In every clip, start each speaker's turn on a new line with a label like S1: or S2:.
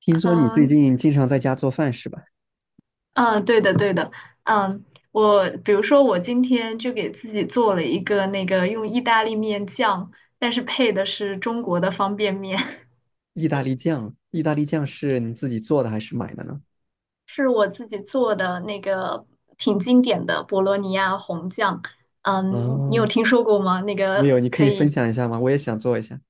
S1: 听说你最
S2: 嗯
S1: 近经常在家做饭是吧？
S2: 嗯，对的对的。嗯，我比如说我今天就给自己做了一个那个用意大利面酱，但是配的是中国的方便面。
S1: 意大利酱是你自己做的还是买的呢？
S2: 是我自己做的那个挺经典的博洛尼亚红酱。嗯，你
S1: 哦，
S2: 有听说过吗？那
S1: 没
S2: 个
S1: 有，你可
S2: 可
S1: 以分
S2: 以
S1: 享一下吗？我也想做一下。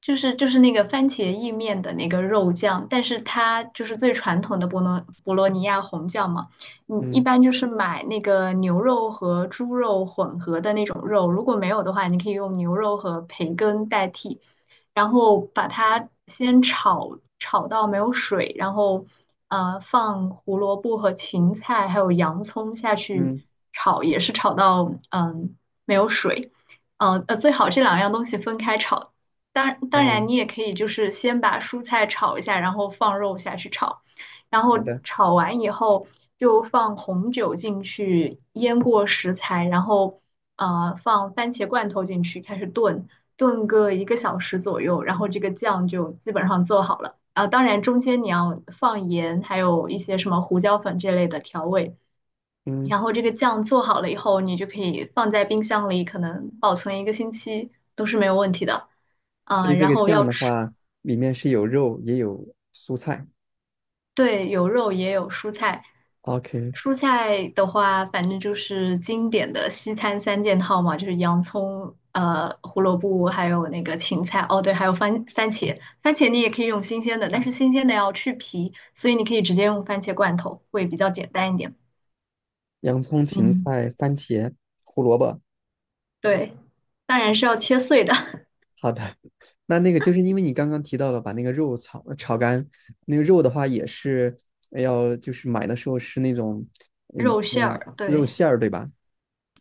S2: 就是就是那个番茄意面的那个肉酱，但是它就是最传统的博罗尼亚红酱嘛。你一
S1: 嗯
S2: 般就是买那个牛肉和猪肉混合的那种肉，如果没有的话，你可以用牛肉和培根代替，然后把它先炒到没有水，然后放胡萝卜和芹菜还有洋葱下去
S1: 嗯，
S2: 炒，也是炒到没有水。最好这两样东西分开炒，当当
S1: 哦，
S2: 然，你也可以就是先把蔬菜炒一下，然后放肉下去炒，然后
S1: 好的。
S2: 炒完以后就放红酒进去腌过食材，然后放番茄罐头进去开始炖，炖个一个小时左右，然后这个酱就基本上做好了。啊，当然中间你要放盐，还有一些什么胡椒粉这类的调味。
S1: 嗯，
S2: 然后这个酱做好了以后，你就可以放在冰箱里，可能保存一个星期都是没有问题的。
S1: 所
S2: 啊，
S1: 以这
S2: 然
S1: 个
S2: 后
S1: 酱
S2: 要
S1: 的
S2: 吃。
S1: 话，里面是有肉也有蔬菜。
S2: 对，有肉也有蔬菜。
S1: OK，
S2: 蔬菜的话，反正就是经典的西餐三件套嘛，就是洋葱、胡萝卜，还有那个芹菜。哦，对，还有番茄。番茄你也可以用新鲜的，但是新鲜的要去皮，所以你可以直接用番茄罐头，会比较简单一点。
S1: 洋葱、芹
S2: 嗯，
S1: 菜、番茄、胡萝卜。
S2: 对，当然是要切碎的。
S1: 好的。那个就是因为你刚刚提到了把那个肉炒干，那个肉的话也是要就是买的时候是那种，
S2: 肉馅
S1: 嗯，
S2: 儿，
S1: 肉
S2: 对。
S1: 馅儿对吧？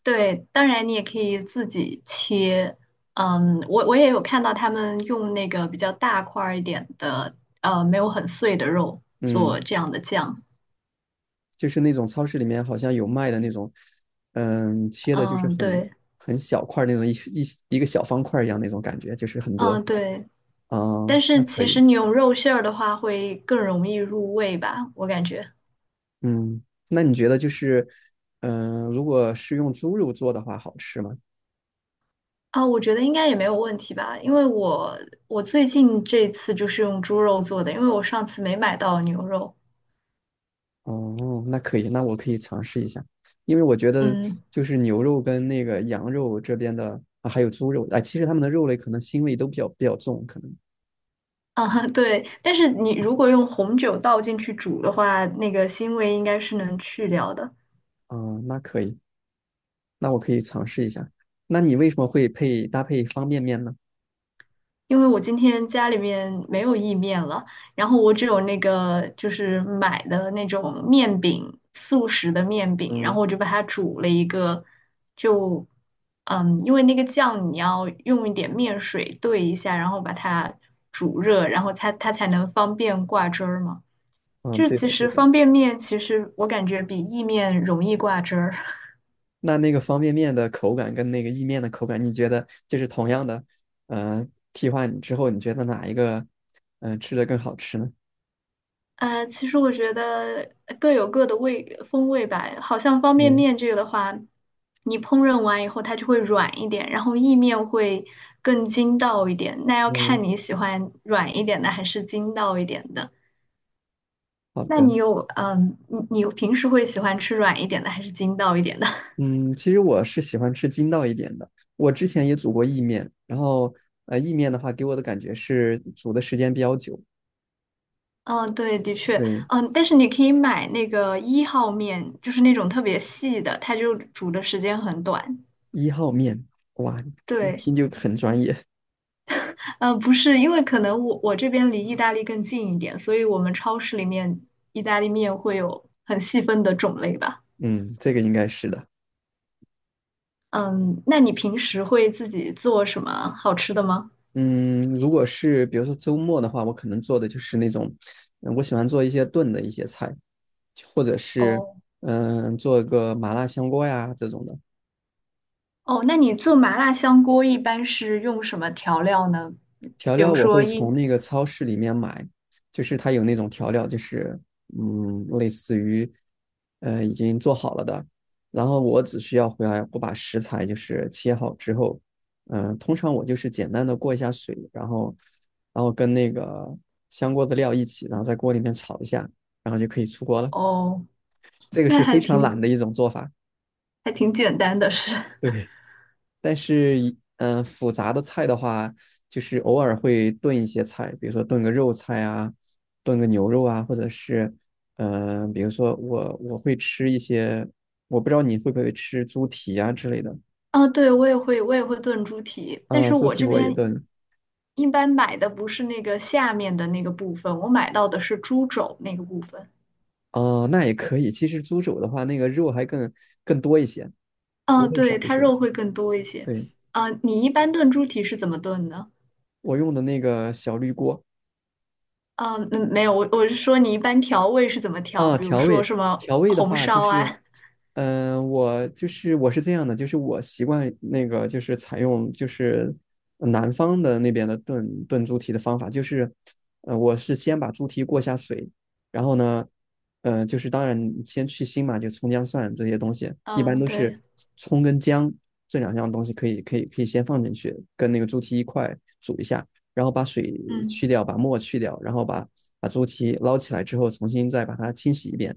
S2: 对，当然你也可以自己切。嗯，我也有看到他们用那个比较大块儿一点的，呃，没有很碎的肉做
S1: 嗯，
S2: 这样的酱。
S1: 就是那种超市里面好像有卖的那种，切的就是
S2: 嗯，
S1: 很
S2: 对，
S1: 很小块儿那种一个小方块儿一样那种感觉，就是很多，
S2: 嗯
S1: 是吧？
S2: 对，
S1: 啊，
S2: 但
S1: 那
S2: 是
S1: 可
S2: 其实
S1: 以。
S2: 你用肉馅儿的话，会更容易入味吧，我感觉。
S1: 嗯，那你觉得就是，如果是用猪肉做的话，好吃吗？
S2: 啊，我觉得应该也没有问题吧，因为我最近这次就是用猪肉做的，因为我上次没买到牛肉。
S1: 哦，那可以，那我可以尝试一下，因为我觉得
S2: 嗯。
S1: 就是牛肉跟那个羊肉这边的，啊，还有猪肉，哎，其实它们的肉类可能腥味都比较重，可能。
S2: 啊，对，但是你如果用红酒倒进去煮的话，那个腥味应该是能去掉的。
S1: 嗯，那可以，那我可以尝试一下。那你为什么会搭配方便面呢？
S2: 因为我今天家里面没有意面了，然后我只有那个就是买的那种面饼，速食的面饼，然后
S1: 嗯，
S2: 我就把它煮了一个，就因为那个酱你要用一点面水兑一下，然后把它煮热，然后它才能方便挂汁儿嘛。
S1: 嗯，
S2: 就是
S1: 对
S2: 其
S1: 的，对
S2: 实
S1: 的。
S2: 方便面，其实我感觉比意面容易挂汁儿。
S1: 那个方便面的口感跟那个意面的口感，你觉得就是同样的，呃，替换之后，你觉得哪一个，吃的更好吃呢？
S2: 其实我觉得各有各的味风味吧。好像方便
S1: 嗯
S2: 面这个的话，你烹饪完以后它就会软一点，然后意面会更筋道一点。那要
S1: 嗯，
S2: 看你喜欢软一点的还是筋道一点的。
S1: 好
S2: 那
S1: 的。
S2: 你有嗯，你你平时会喜欢吃软一点的还是筋道一点的？
S1: 嗯，其实我是喜欢吃筋道一点的。我之前也煮过意面，然后意面的话给我的感觉是煮的时间比较久。
S2: 嗯，对，的确。
S1: 对，
S2: 但是你可以买那个一号面，就是那种特别细的，它就煮的时间很短。
S1: 一号面，哇，一
S2: 对。
S1: 听就很专业。
S2: 嗯，不是，因为可能我这边离意大利更近一点，所以我们超市里面意大利面会有很细分的种类吧。
S1: 嗯，这个应该是的。
S2: 嗯，那你平时会自己做什么好吃的吗？
S1: 嗯，如果是比如说周末的话，我可能做的就是那种，我喜欢做一些炖的一些菜，或者是
S2: 哦
S1: 做个麻辣香锅呀这种的。
S2: 哦，那你做麻辣香锅一般是用什么调料呢？
S1: 调
S2: 比
S1: 料
S2: 如
S1: 我
S2: 说
S1: 会
S2: 一。
S1: 从那个超市里面买，就是它有那种调料，就是类似于已经做好了的，然后我只需要回来我把食材就是切好之后，通常我就是简单的过一下水，然后跟那个香锅的料一起，然后在锅里面炒一下，然后就可以出锅了。
S2: 哦，
S1: 这个
S2: 那
S1: 是
S2: 还
S1: 非常
S2: 挺
S1: 懒的一种做法，
S2: 还挺简单的是。
S1: 对。但是复杂的菜的话，就是偶尔会炖一些菜，比如说炖个肉菜啊，炖个牛肉啊，或者是，比如说我会吃一些，我不知道你会不会吃猪蹄啊之类的，
S2: 啊，对，我也会，我也会炖猪蹄，但
S1: 啊、
S2: 是
S1: 猪
S2: 我
S1: 蹄
S2: 这
S1: 我也
S2: 边
S1: 炖，
S2: 一般买的不是那个下面的那个部分，我买到的是猪肘那个部分。
S1: 哦、那也可以。其实猪肘的话，那个肉还更多一些，骨
S2: 嗯，
S1: 头少
S2: 对，
S1: 一
S2: 它
S1: 些。
S2: 肉会更多一些。
S1: 对，
S2: 嗯，你一般炖猪蹄是怎么炖呢？
S1: 我用的那个小绿锅。
S2: 嗯，嗯没有，我是说你一般调味是怎么调？
S1: 啊，
S2: 比如
S1: 调
S2: 说
S1: 味
S2: 什么
S1: 调味的
S2: 红
S1: 话，就
S2: 烧
S1: 是，
S2: 啊？
S1: 我是这样的，就是我习惯那个就是采用就是南方的那边的炖猪蹄的方法，就是，我是先把猪蹄过下水，然后呢，就是当然你先去腥嘛，就葱姜蒜这些东西，一般
S2: 嗯，
S1: 都是
S2: 对，
S1: 葱跟姜这两样东西可以先放进去，跟那个猪蹄一块煮一下，然后把水
S2: 嗯
S1: 去掉，把沫去掉，然后把猪蹄捞起来之后，重新再把它清洗一遍，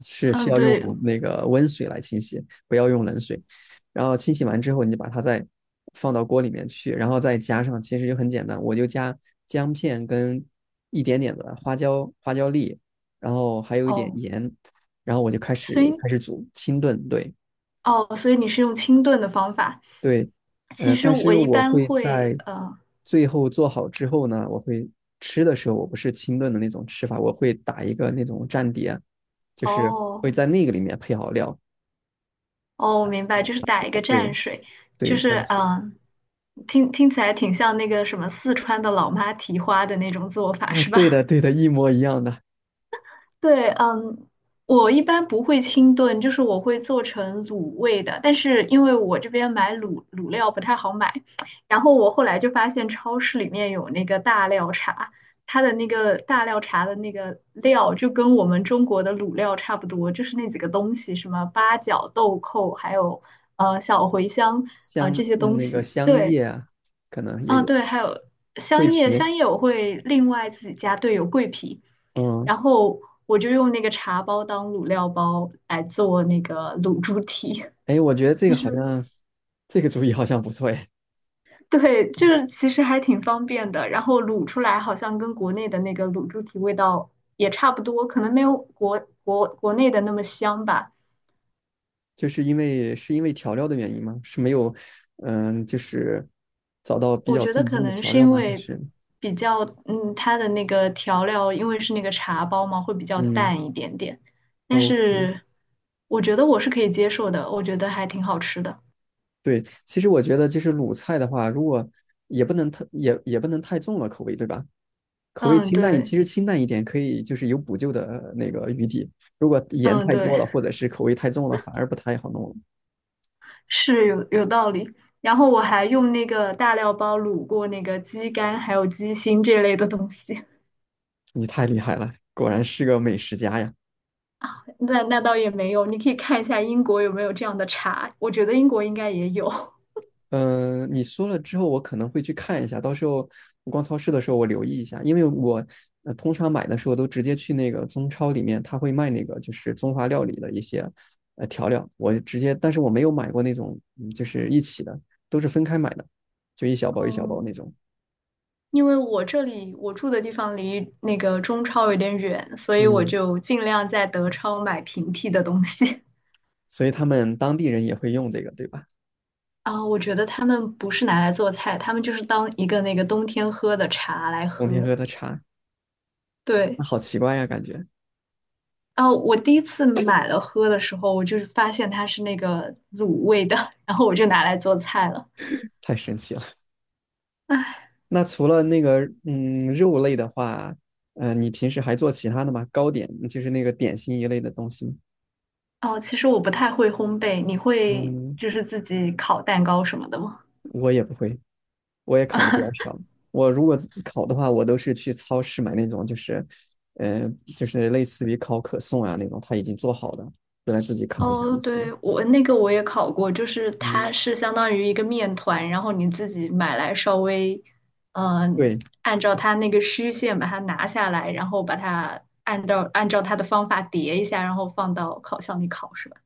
S1: 是需
S2: 嗯，
S1: 要用
S2: 对。
S1: 那个温水来清洗，不要用冷水。然后清洗完之后，你就把它再放到锅里面去，然后再加上，其实就很简单，我就加姜片跟一点点的花椒粒，然后还有一点
S2: 哦，
S1: 盐，然后我就开始
S2: 所以
S1: 开始煮清炖。对，
S2: 哦，所以你是用清炖的方法。
S1: 对，
S2: 其实
S1: 但是
S2: 我一
S1: 我
S2: 般
S1: 会
S2: 会，
S1: 在
S2: 嗯，
S1: 最后做好之后呢，吃的时候，我不是清炖的那种吃法，我会打一个那种蘸碟，就是会
S2: 哦。
S1: 在那个里面配好料。
S2: 哦，我明白，就是打一个蘸
S1: 对。
S2: 水。就
S1: 对
S2: 是
S1: 算是。
S2: 听起来挺像那个什么四川的老妈蹄花的那种做 法，
S1: 啊，
S2: 是
S1: 对的
S2: 吧？
S1: 对的，一模一样的。
S2: 对。嗯，我一般不会清炖，就是我会做成卤味的。但是因为我这边买卤料不太好买，然后我后来就发现超市里面有那个大料茶，它的那个大料茶的那个料就跟我们中国的卤料差不多，就是那几个东西，什么八角、豆蔻，还有小茴香啊，这些东
S1: 那个
S2: 西。
S1: 香
S2: 对，
S1: 叶啊，可能也
S2: 啊，
S1: 有
S2: 对，还有香
S1: 桂
S2: 叶，
S1: 皮。
S2: 香叶我会另外自己加，对，有桂皮。
S1: 嗯，
S2: 然后我就用那个茶包当卤料包来做那个卤猪蹄。
S1: 哎，我觉得 这
S2: 其
S1: 个好
S2: 实
S1: 像这个主意好像不错哎。
S2: 对，就是其实还挺方便的。然后卤出来好像跟国内的那个卤猪蹄味道也差不多，可能没有国内的那么香吧。
S1: 就是因为调料的原因吗？是没有，就是找到比
S2: 我
S1: 较
S2: 觉得
S1: 正
S2: 可
S1: 宗的
S2: 能
S1: 调
S2: 是
S1: 料
S2: 因
S1: 吗？还
S2: 为
S1: 是
S2: 比较，它的那个调料，因为是那个茶包嘛，会比较
S1: 嗯
S2: 淡一点点。但
S1: ，OK。
S2: 是我觉得我是可以接受的，我觉得还挺好吃的。
S1: 对，其实我觉得就是鲁菜的话，如果也不能太也也不能太重了口味，对吧？口味
S2: 嗯，
S1: 清淡一，
S2: 对，
S1: 其实清淡一点可以，就是有补救的那个余地。如果盐
S2: 嗯，
S1: 太
S2: 对。
S1: 多了，或者是口味太重了，反而不太好弄了。
S2: 是有道理。然后我还用那个大料包卤过那个鸡肝，还有鸡心这类的东西。
S1: 你太厉害了，果然是个美食家呀！
S2: 那倒也没有，你可以看一下英国有没有这样的茶，我觉得英国应该也有。
S1: 你说了之后，我可能会去看一下。到时候我逛超市的时候，我留意一下，因为我通常买的时候都直接去那个中超里面，他会卖那个就是中华料理的一些调料，我直接，但是我没有买过那种，就是一起的，都是分开买的，就一小包一小包
S2: 嗯，
S1: 那种。
S2: 因为我这里我住的地方离那个中超有点远，所以我
S1: 嗯，
S2: 就尽量在德超买平替的东西。
S1: 所以他们当地人也会用这个，对吧？
S2: 啊，我觉得他们不是拿来做菜，他们就是当一个那个冬天喝的茶来
S1: 冬天
S2: 喝。
S1: 喝的茶，
S2: 对。
S1: 那好奇怪呀，感觉
S2: 啊，我第一次买了喝的时候，我就是发现它是那个卤味的，然后我就拿来做菜了。
S1: 太神奇了。
S2: 唉。
S1: 那除了那个肉类的话，你平时还做其他的吗？糕点，就是那个点心一类的东西吗？
S2: 哦，其实我不太会烘焙，你会
S1: 嗯，
S2: 就是自己烤蛋糕什么的吗？
S1: 我也不会，我也烤的比较 少。我如果烤的话，我都是去超市买那种，就是，呃，就是类似于烤可颂啊那种，它已经做好的，回来自己烤一下
S2: 哦，
S1: 就
S2: 对，
S1: 行。
S2: 我那个我也烤过，就是它
S1: 嗯，
S2: 是相当于一个面团，然后你自己买来稍微，嗯、
S1: 对，
S2: 按照它那个虚线把它拿下来，然后把它按照它的方法叠一下，然后放到烤箱里烤是吧？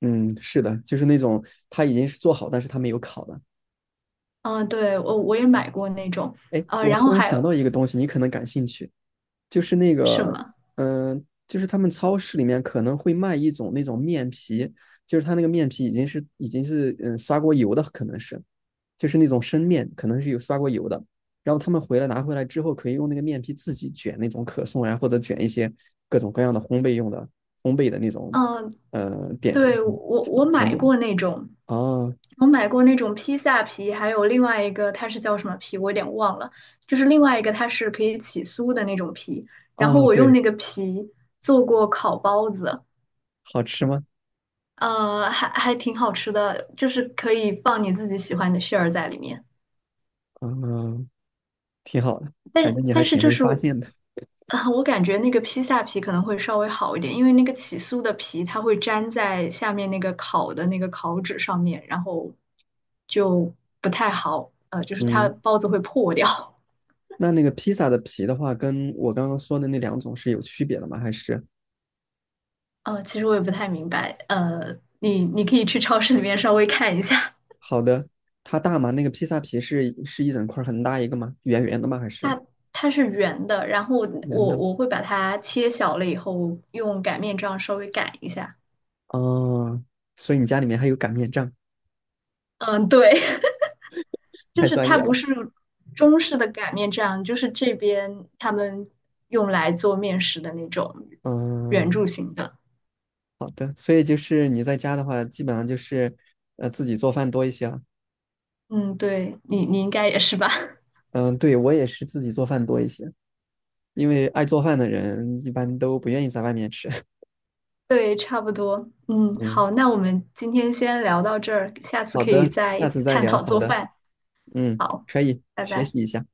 S1: 嗯，是的，就是那种它已经是做好，但是它没有烤的。
S2: 嗯，对，我也买过那种，
S1: 哎，我
S2: 然
S1: 突
S2: 后
S1: 然
S2: 还
S1: 想
S2: 有
S1: 到一个东西，你可能感兴趣。就是那
S2: 什
S1: 个，
S2: 么？
S1: 就是他们超市里面可能会卖一种那种面皮，就是它那个面皮已经是刷过油的，可能是，就是那种生面，可能是有刷过油的。然后他们拿回来之后，可以用那个面皮自己卷那种可颂呀，或者卷一些各种各样的烘焙的那种，
S2: 嗯，
S1: 呃，点
S2: 对，我我
S1: 甜
S2: 买
S1: 点。
S2: 过那种，
S1: 哦
S2: 我买过那种披萨皮，还有另外一个它是叫什么皮，我有点忘了，就是另外一个它是可以起酥的那种皮，然后
S1: 哦，
S2: 我用
S1: 对，
S2: 那个皮做过烤包子。
S1: 好吃吗？
S2: 呃，还还挺好吃的，就是可以放你自己喜欢的馅儿在里面。
S1: 嗯，挺好的，
S2: 但
S1: 感觉你还
S2: 但是
S1: 挺
S2: 就
S1: 会
S2: 是，
S1: 发现的。
S2: 啊，我感觉那个披萨皮可能会稍微好一点，因为那个起酥的皮它会粘在下面那个烤的那个烤纸上面，然后就不太好，呃，就是它
S1: 嗯。
S2: 包子会破掉。
S1: 那个披萨的皮的话，跟我刚刚说的那两种是有区别的吗？还是？
S2: 呃，其实我也不太明白，呃，你可以去超市里面稍微看一下，
S1: 好的。它大吗？那个披萨皮是一整块儿很大一个吗？圆圆的吗？还是
S2: 它它是圆的，然后
S1: 圆
S2: 我
S1: 的？
S2: 我会把它切小了以后用擀面杖稍微擀一下。
S1: 哦，所以你家里面还有擀面杖，
S2: 嗯，对。就
S1: 太
S2: 是
S1: 专
S2: 它
S1: 业
S2: 不
S1: 了。
S2: 是中式的擀面杖，就是这边他们用来做面食的那种圆
S1: 嗯，
S2: 柱形的。
S1: 好的。所以就是你在家的话，基本上就是自己做饭多一些了。
S2: 嗯，对，你应该也是吧？
S1: 嗯，对，我也是自己做饭多一些，因为爱做饭的人一般都不愿意在外面吃。
S2: 对，差不多。嗯，
S1: 嗯，
S2: 好，那我们今天先聊到这儿，下次
S1: 好
S2: 可以
S1: 的，
S2: 再
S1: 下
S2: 一
S1: 次
S2: 起
S1: 再
S2: 探
S1: 聊。
S2: 讨
S1: 好
S2: 做
S1: 的，
S2: 饭。好，
S1: 可以
S2: 拜
S1: 学
S2: 拜。
S1: 习一下。